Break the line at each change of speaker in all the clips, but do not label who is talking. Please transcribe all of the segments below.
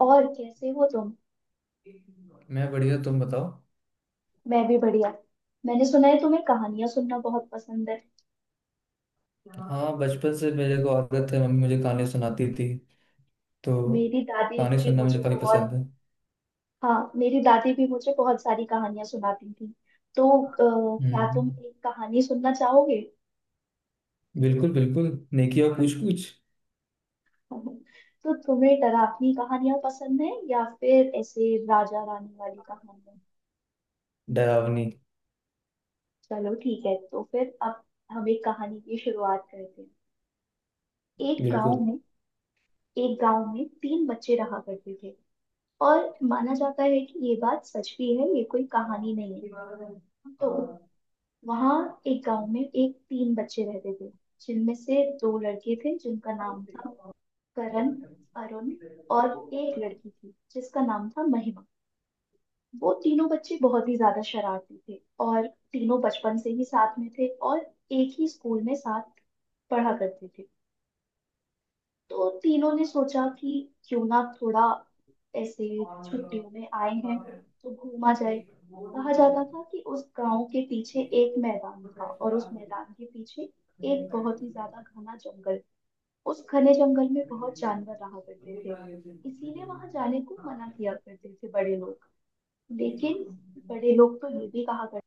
और कैसे हो तुम।
मैं बढ़िया, तुम बताओ।
मैं भी बढ़िया। मैंने सुना है तुम्हें कहानियां सुनना बहुत पसंद है।
हाँ, बचपन से मेरे को आदत है, मम्मी मुझे कहानी सुनाती थी। तो
मेरी दादी
कहानी
भी
सुनना मुझे
मुझे
काफी
बहुत।
पसंद है।
हाँ, मेरी दादी भी मुझे बहुत सारी कहानियां सुनाती थी। तो क्या
हम्म।
तुम एक कहानी सुनना चाहोगे?
बिल्कुल बिल्कुल। नेकी और पूछ पूछ।
तो तुम्हें डरावनी कहानियां पसंद है या फिर ऐसे राजा रानी वाली कहानियां?
डरावनी।
चलो ठीक है, तो फिर अब हम एक कहानी की शुरुआत करते हैं। एक गांव
बिल्कुल।
में, एक गांव में तीन बच्चे रहा करते थे। और माना जाता है कि ये बात सच भी है, ये कोई कहानी नहीं है। तो वहाँ एक गांव में एक तीन बच्चे रहते थे, जिनमें से दो लड़के थे जिनका नाम था करण, अरुण, और एक लड़की थी जिसका नाम था महिमा। वो तीनों बच्चे बहुत ही ज्यादा शरारती थे, और तीनों बचपन से ही साथ में थे, और एक ही स्कूल में साथ पढ़ा करते थे। तो तीनों ने सोचा कि क्यों ना थोड़ा, ऐसे छुट्टियों में आए हैं तो घूमा जाए। कहा जाता था कि उस गांव के पीछे एक मैदान था और उस मैदान के पीछे एक बहुत ही ज्यादा घना जंगल। उस घने जंगल में बहुत जानवर रहा करते थे, इसीलिए वहां जाने को मना किया करते थे बड़े लोग। लेकिन बड़े लोग तो ये भी कहा करते,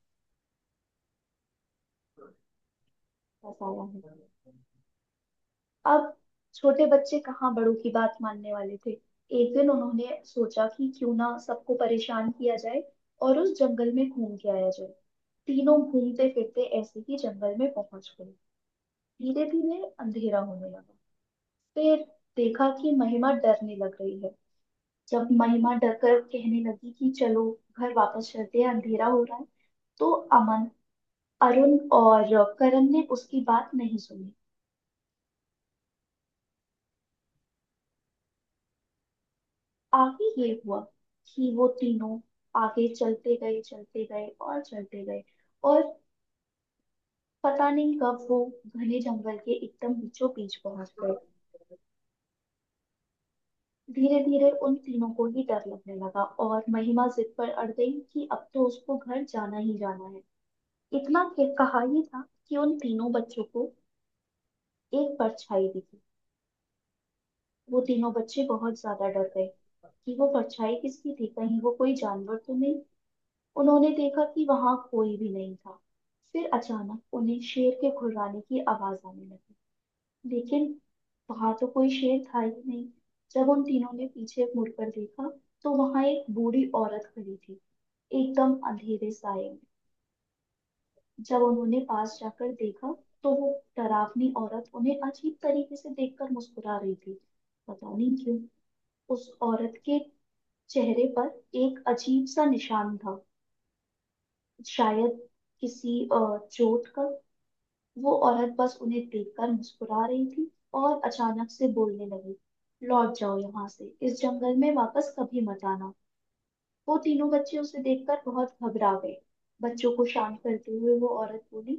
बस आया है अब। छोटे बच्चे कहाँ बड़ों की बात मानने वाले थे। एक दिन उन्होंने सोचा कि क्यों ना सबको परेशान किया जाए और उस जंगल में घूम के आया जाए। तीनों घूमते फिरते ऐसे ही जंगल में पहुंच गए। धीरे धीरे अंधेरा होने लगा। फिर देखा कि महिमा डरने लग रही है। जब महिमा डरकर कहने लगी कि चलो घर वापस चलते हैं, अंधेरा हो रहा है, तो अमन, अरुण और करण ने उसकी बात नहीं सुनी। आगे ये हुआ कि वो तीनों आगे चलते गए, चलते गए और चलते गए, और पता नहीं कब वो घने जंगल के एकदम बीचों बीच पहुंच गए। धीरे धीरे उन तीनों को ही डर लगने लगा और महिमा जिद पर अड़ गई कि अब तो उसको घर जाना ही जाना है। इतना कहा ही था कि उन तीनों बच्चों को एक परछाई दिखी। वो तीनों बच्चे बहुत ज्यादा डर गए कि वो परछाई किसकी थी, कहीं वो कोई जानवर तो नहीं। उन्होंने देखा कि वहां कोई भी नहीं था। फिर अचानक उन्हें शेर के घुर्राने की आवाज आने लगी, लेकिन वहां तो कोई शेर था ही नहीं। जब उन तीनों ने पीछे मुड़कर देखा, तो वहां एक बूढ़ी औरत खड़ी थी, एकदम अंधेरे साए में। जब उन्होंने पास जाकर देखा, तो वो डरावनी औरत उन्हें अजीब तरीके से देखकर मुस्कुरा रही थी। पता नहीं क्यों, उस औरत के चेहरे पर एक अजीब सा निशान था, शायद किसी चोट का। वो औरत बस उन्हें देखकर मुस्कुरा रही थी, और अचानक से बोलने लगी, लौट जाओ यहाँ से, इस जंगल में वापस कभी मत आना। वो तीनों बच्चे उसे देखकर बहुत घबरा गए। बच्चों को शांत करते हुए वो औरत बोली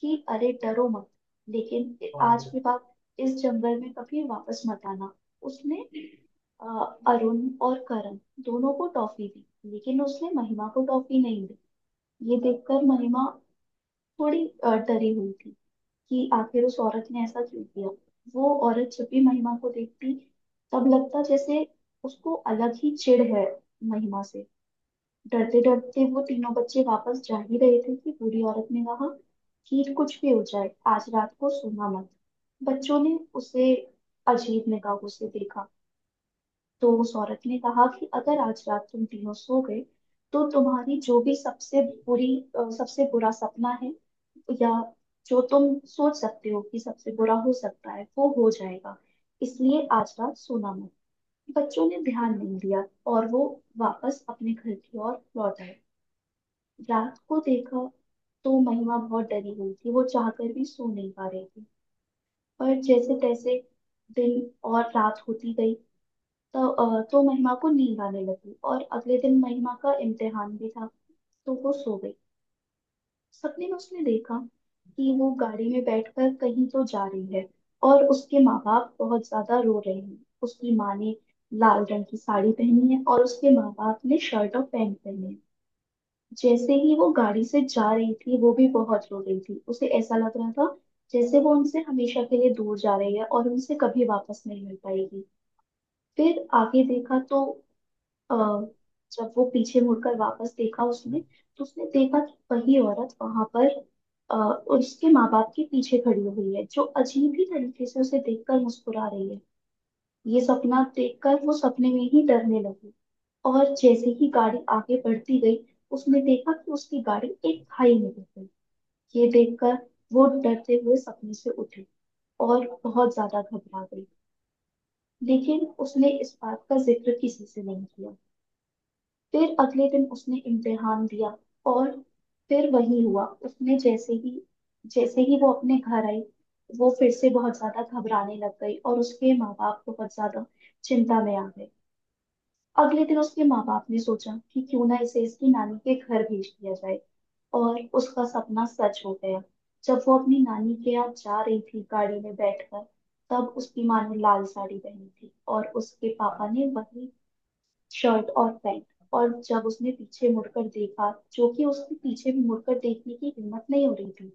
कि अरे डरो मत, लेकिन आज के बाद इस जंगल में कभी वापस मत आना। उसने अ, अरुण और करण दोनों को टॉफी दी, लेकिन उसने महिमा को टॉफी नहीं दी। ये देखकर महिमा थोड़ी डरी हुई थी कि आखिर उस औरत ने ऐसा क्यों किया। वो औरत जब भी महिमा को देखती, तब लगता जैसे उसको अलग ही चिढ़ है महिमा से। डरते डरते वो तीनों बच्चे वापस जा ही रहे थे कि बूढ़ी औरत ने कहा कि कुछ भी हो जाए, आज रात को सोना मत। बच्चों ने उसे अजीब निगाहों से देखा, तो उस औरत ने कहा कि अगर आज रात तुम तीनों सो गए, तो तुम्हारी जो भी सबसे बुरी, सबसे बुरा सपना है, या जो तुम सोच सकते हो कि सबसे बुरा हो सकता है, वो हो जाएगा। इसलिए आज रात सोना मत। बच्चों ने ध्यान नहीं दिया, और वो वापस अपने घर की ओर लौट आए। रात को देखा तो महिमा बहुत डरी हुई थी, वो चाहकर भी सो नहीं पा रही थी। पर जैसे तैसे दिन और रात होती गई, तो महिमा को नींद आने लगी, और अगले दिन महिमा का इम्तिहान भी था, तो वो सो गई। सपने में उसने देखा कि वो गाड़ी में बैठकर कहीं तो जा रही है, और उसके माँ बाप बहुत ज्यादा रो रहे हैं। उसकी माँ ने लाल रंग की साड़ी पहनी है और उसके माँ बाप ने शर्ट और पैंट पहने हैं। जैसे ही वो गाड़ी से जा रही थी, वो भी बहुत रो रही थी। उसे ऐसा लग रहा था जैसे वो उनसे हमेशा के लिए दूर जा रही है और उनसे कभी वापस नहीं मिल पाएगी। फिर आगे देखा तो अ, जब वो पीछे मुड़कर वापस देखा उसने, तो उसने देखा कि वही औरत वहां पर, अ, उसके माँ बाप के पीछे खड़ी हुई है, जो अजीब ही तरीके से उसे देखकर मुस्कुरा रही है। ये सपना देखकर वो सपने में ही डरने लगी। और जैसे ही गाड़ी आगे बढ़ती गई, उसने देखा कि उसकी गाड़ी एक खाई में गिर गई। ये देखकर वो डरते हुए सपने से उठी और बहुत ज्यादा घबरा गई। लेकिन उसने इस बात का जिक्र किसी से नहीं किया। फिर अगले दिन उसने इम्तिहान दिया, और फिर वही हुआ। उसने जैसे ही वो अपने घर आई, वो फिर से बहुत ज्यादा घबराने लग गई और उसके माँ बाप बहुत ज्यादा चिंता में आ गए। अगले दिन उसके माँ बाप ने सोचा कि क्यों ना इसे इसकी नानी के घर भेज दिया जाए, और उसका सपना सच हो गया। जब वो अपनी नानी के यहाँ जा रही थी गाड़ी में बैठकर, तब उसकी माँ ने लाल साड़ी पहनी थी और उसके पापा ने वही शर्ट और पैंट। और जब उसने पीछे मुड़कर देखा, जो कि उसने पीछे भी मुड़कर देखने की हिम्मत नहीं हो रही थी,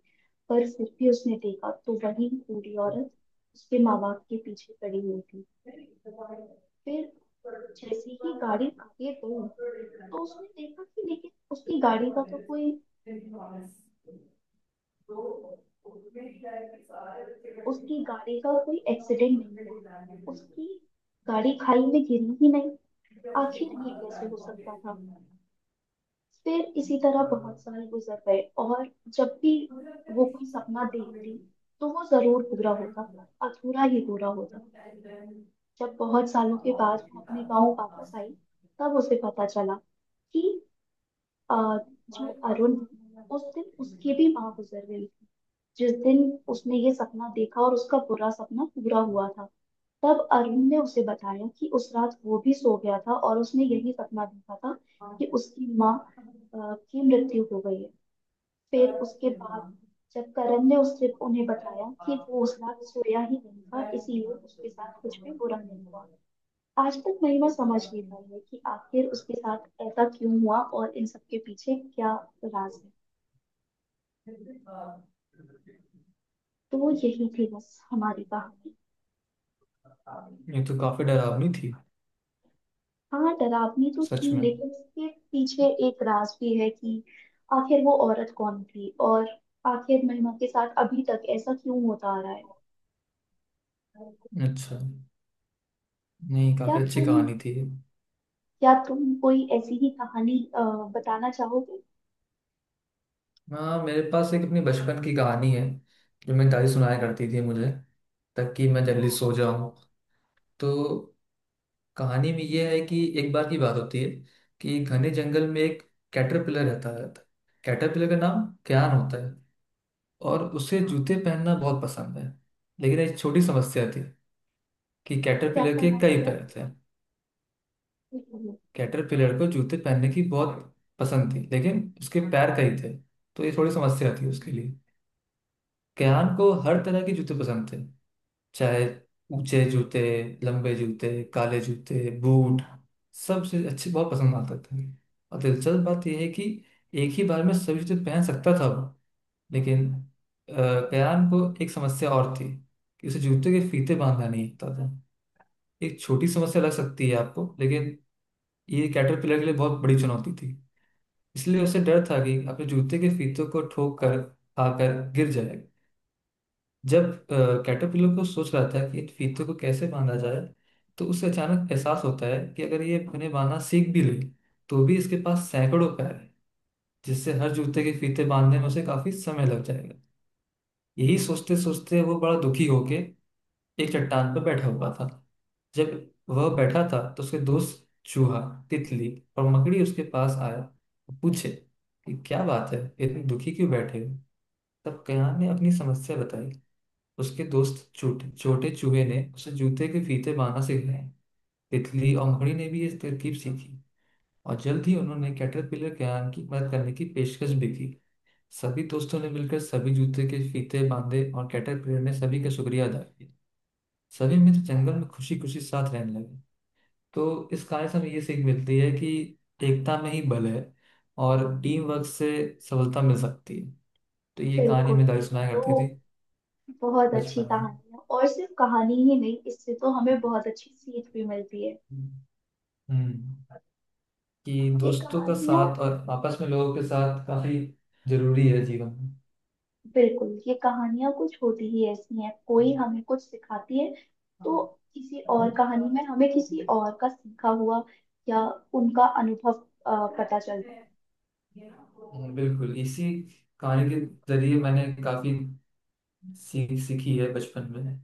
पर फिर भी उसने देखा तो वही बूढ़ी औरत उसके माँ बाप के पीछे खड़ी हुई थी। फिर जैसे ही गाड़ी आगे गई, तो उसने देखा कि लेकिन उसकी गाड़ी का तो कोई, उसकी गाड़ी का कोई एक्सीडेंट नहीं हुआ। उसकी गाड़ी खाई में गिरी ही नहीं। आखिर ये कैसे हो सकता था? फिर इसी तरह बहुत साल गुजर गए, और जब भी वो कोई सपना देखती, तो वो जरूर पूरा होता, पर अधूरा ही पूरा होता। जब बहुत सालों के बाद वो अपने गांव वापस आई, तब उसे पता चला कि अ, जो अरुण है, उस दिन उसकी भी माँ गुजर गई थी, जिस दिन उसने ये सपना देखा और उसका बुरा सपना पूरा हुआ था। तब अरुण ने उसे बताया कि उस रात वो भी सो गया था और उसने यही सपना देखा था कि उसकी माँ की मृत्यु हो गई है। फिर उसके बाद जब करण ने उससे उन्हें बताया कि वो उस रात सोया ही नहीं था, इसीलिए उसके साथ कुछ भी बुरा नहीं हुआ। आज तक नहीं मैं समझ नहीं पाई है कि आखिर उसके साथ ऐसा क्यों हुआ और इन सबके पीछे क्या राज है। तो वो यही थी बस हमारी कहानी।
ये तो काफी डरावनी थी।
हाँ, डरावनी तो
सच
थी,
में।
लेकिन उसके पीछे एक राज भी है कि आखिर वो औरत कौन थी, और आखिर महिमा के साथ अभी तक ऐसा क्यों होता आ रहा है।
अच्छा। नहीं,
क्या
काफी अच्छी
तुम
कहानी थी ये।
क्या तुम कोई ऐसी ही कहानी बताना चाहोगे?
हाँ, मेरे पास एक अपनी बचपन की कहानी है, जो मेरी दादी सुनाया करती थी मुझे, ताकि मैं जल्दी
हाँ।
सो जाऊं। तो कहानी में यह है कि एक बार की बात होती है कि घने जंगल में एक कैटरपिलर रहता रहता है। कैटरपिलर का नाम क्यान होता है और उसे जूते पहनना बहुत पसंद है। लेकिन एक छोटी समस्या थी कि
क्या
कैटरपिलर के
समझ
कई
क्या
पैर थे। कैटरपिलर को जूते पहनने की बहुत पसंद थी, लेकिन उसके पैर कई थे। तो ये थोड़ी समस्या थी उसके लिए। कैन को हर तरह के जूते पसंद थे, चाहे ऊंचे जूते, लंबे जूते, काले जूते, बूट, सबसे अच्छे बहुत पसंद आता था। और दिलचस्प बात यह है कि एक ही बार में सभी जूते पहन सकता था वो। लेकिन कयान को एक समस्या और थी कि उसे जूते के फीते बांधना नहीं आता था। एक छोटी समस्या लग सकती है आपको, लेकिन ये कैटरपिलर के लिए बहुत बड़ी चुनौती थी। इसलिए उसे डर था कि अपने जूते के फीतों को ठोक कर खाकर गिर जाएगा। जब कैटरपिलर को सोच रहा था कि इन फीतों को कैसे बांधा जाए, तो उसे अचानक एहसास होता है कि अगर ये उन्हें बांधना सीख भी ले, तो भी इसके पास सैकड़ों पैर हैं, जिससे हर जूते के फीते बांधने में उसे काफी समय लग जाएगा। यही सोचते सोचते वो बड़ा दुखी होके एक चट्टान पर बैठा हुआ था। जब वह बैठा था तो उसके दोस्त चूहा, तितली और मकड़ी उसके पास आया और पूछे कि क्या बात है, इतने दुखी क्यों बैठे हो। तब कयान ने अपनी समस्या बताई। उसके दोस्त छोटे छोटे चूहे ने उसे जूते के फीते बांधना सिखाए। तितली और मकड़ी ने भी ये तरकीब सीखी और जल्द ही उन्होंने कैटरपिलर क्रेन की मदद करने की पेशकश भी की। सभी दोस्तों ने मिलकर सभी जूते के फीते बांधे और कैटरपिलर ने सभी का शुक्रिया अदा किया। सभी मित्र जंगल में खुशी खुशी साथ रहने लगे। तो इस कहानी से हमें ये सीख मिलती है कि एकता में ही बल है और टीम वर्क से सफलता मिल सकती है। तो ये कहानी
बिल्कुल
मैं दादी
ठीक।
सुनाया
तो
करती थी
बहुत अच्छी
बचपन में।
कहानी है, और सिर्फ कहानी ही नहीं, इससे तो हमें बहुत अच्छी सीख भी मिलती है।
हम्म। कि
ये
दोस्तों का
कहानियाँ,
साथ और आपस में लोगों के साथ काफी जरूरी है जीवन में।
बिल्कुल, ये कहानियाँ कुछ होती ही ऐसी हैं, कोई हमें कुछ सिखाती है। तो किसी और
हम्म,
कहानी में हमें किसी और का सीखा हुआ, या उनका अनुभव पता चलता है।
बिल्कुल। इसी कहानी के जरिए मैंने काफी सीख सीखी है बचपन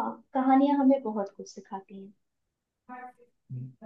हाँ, कहानियाँ हमें बहुत कुछ सिखाती हैं।
में।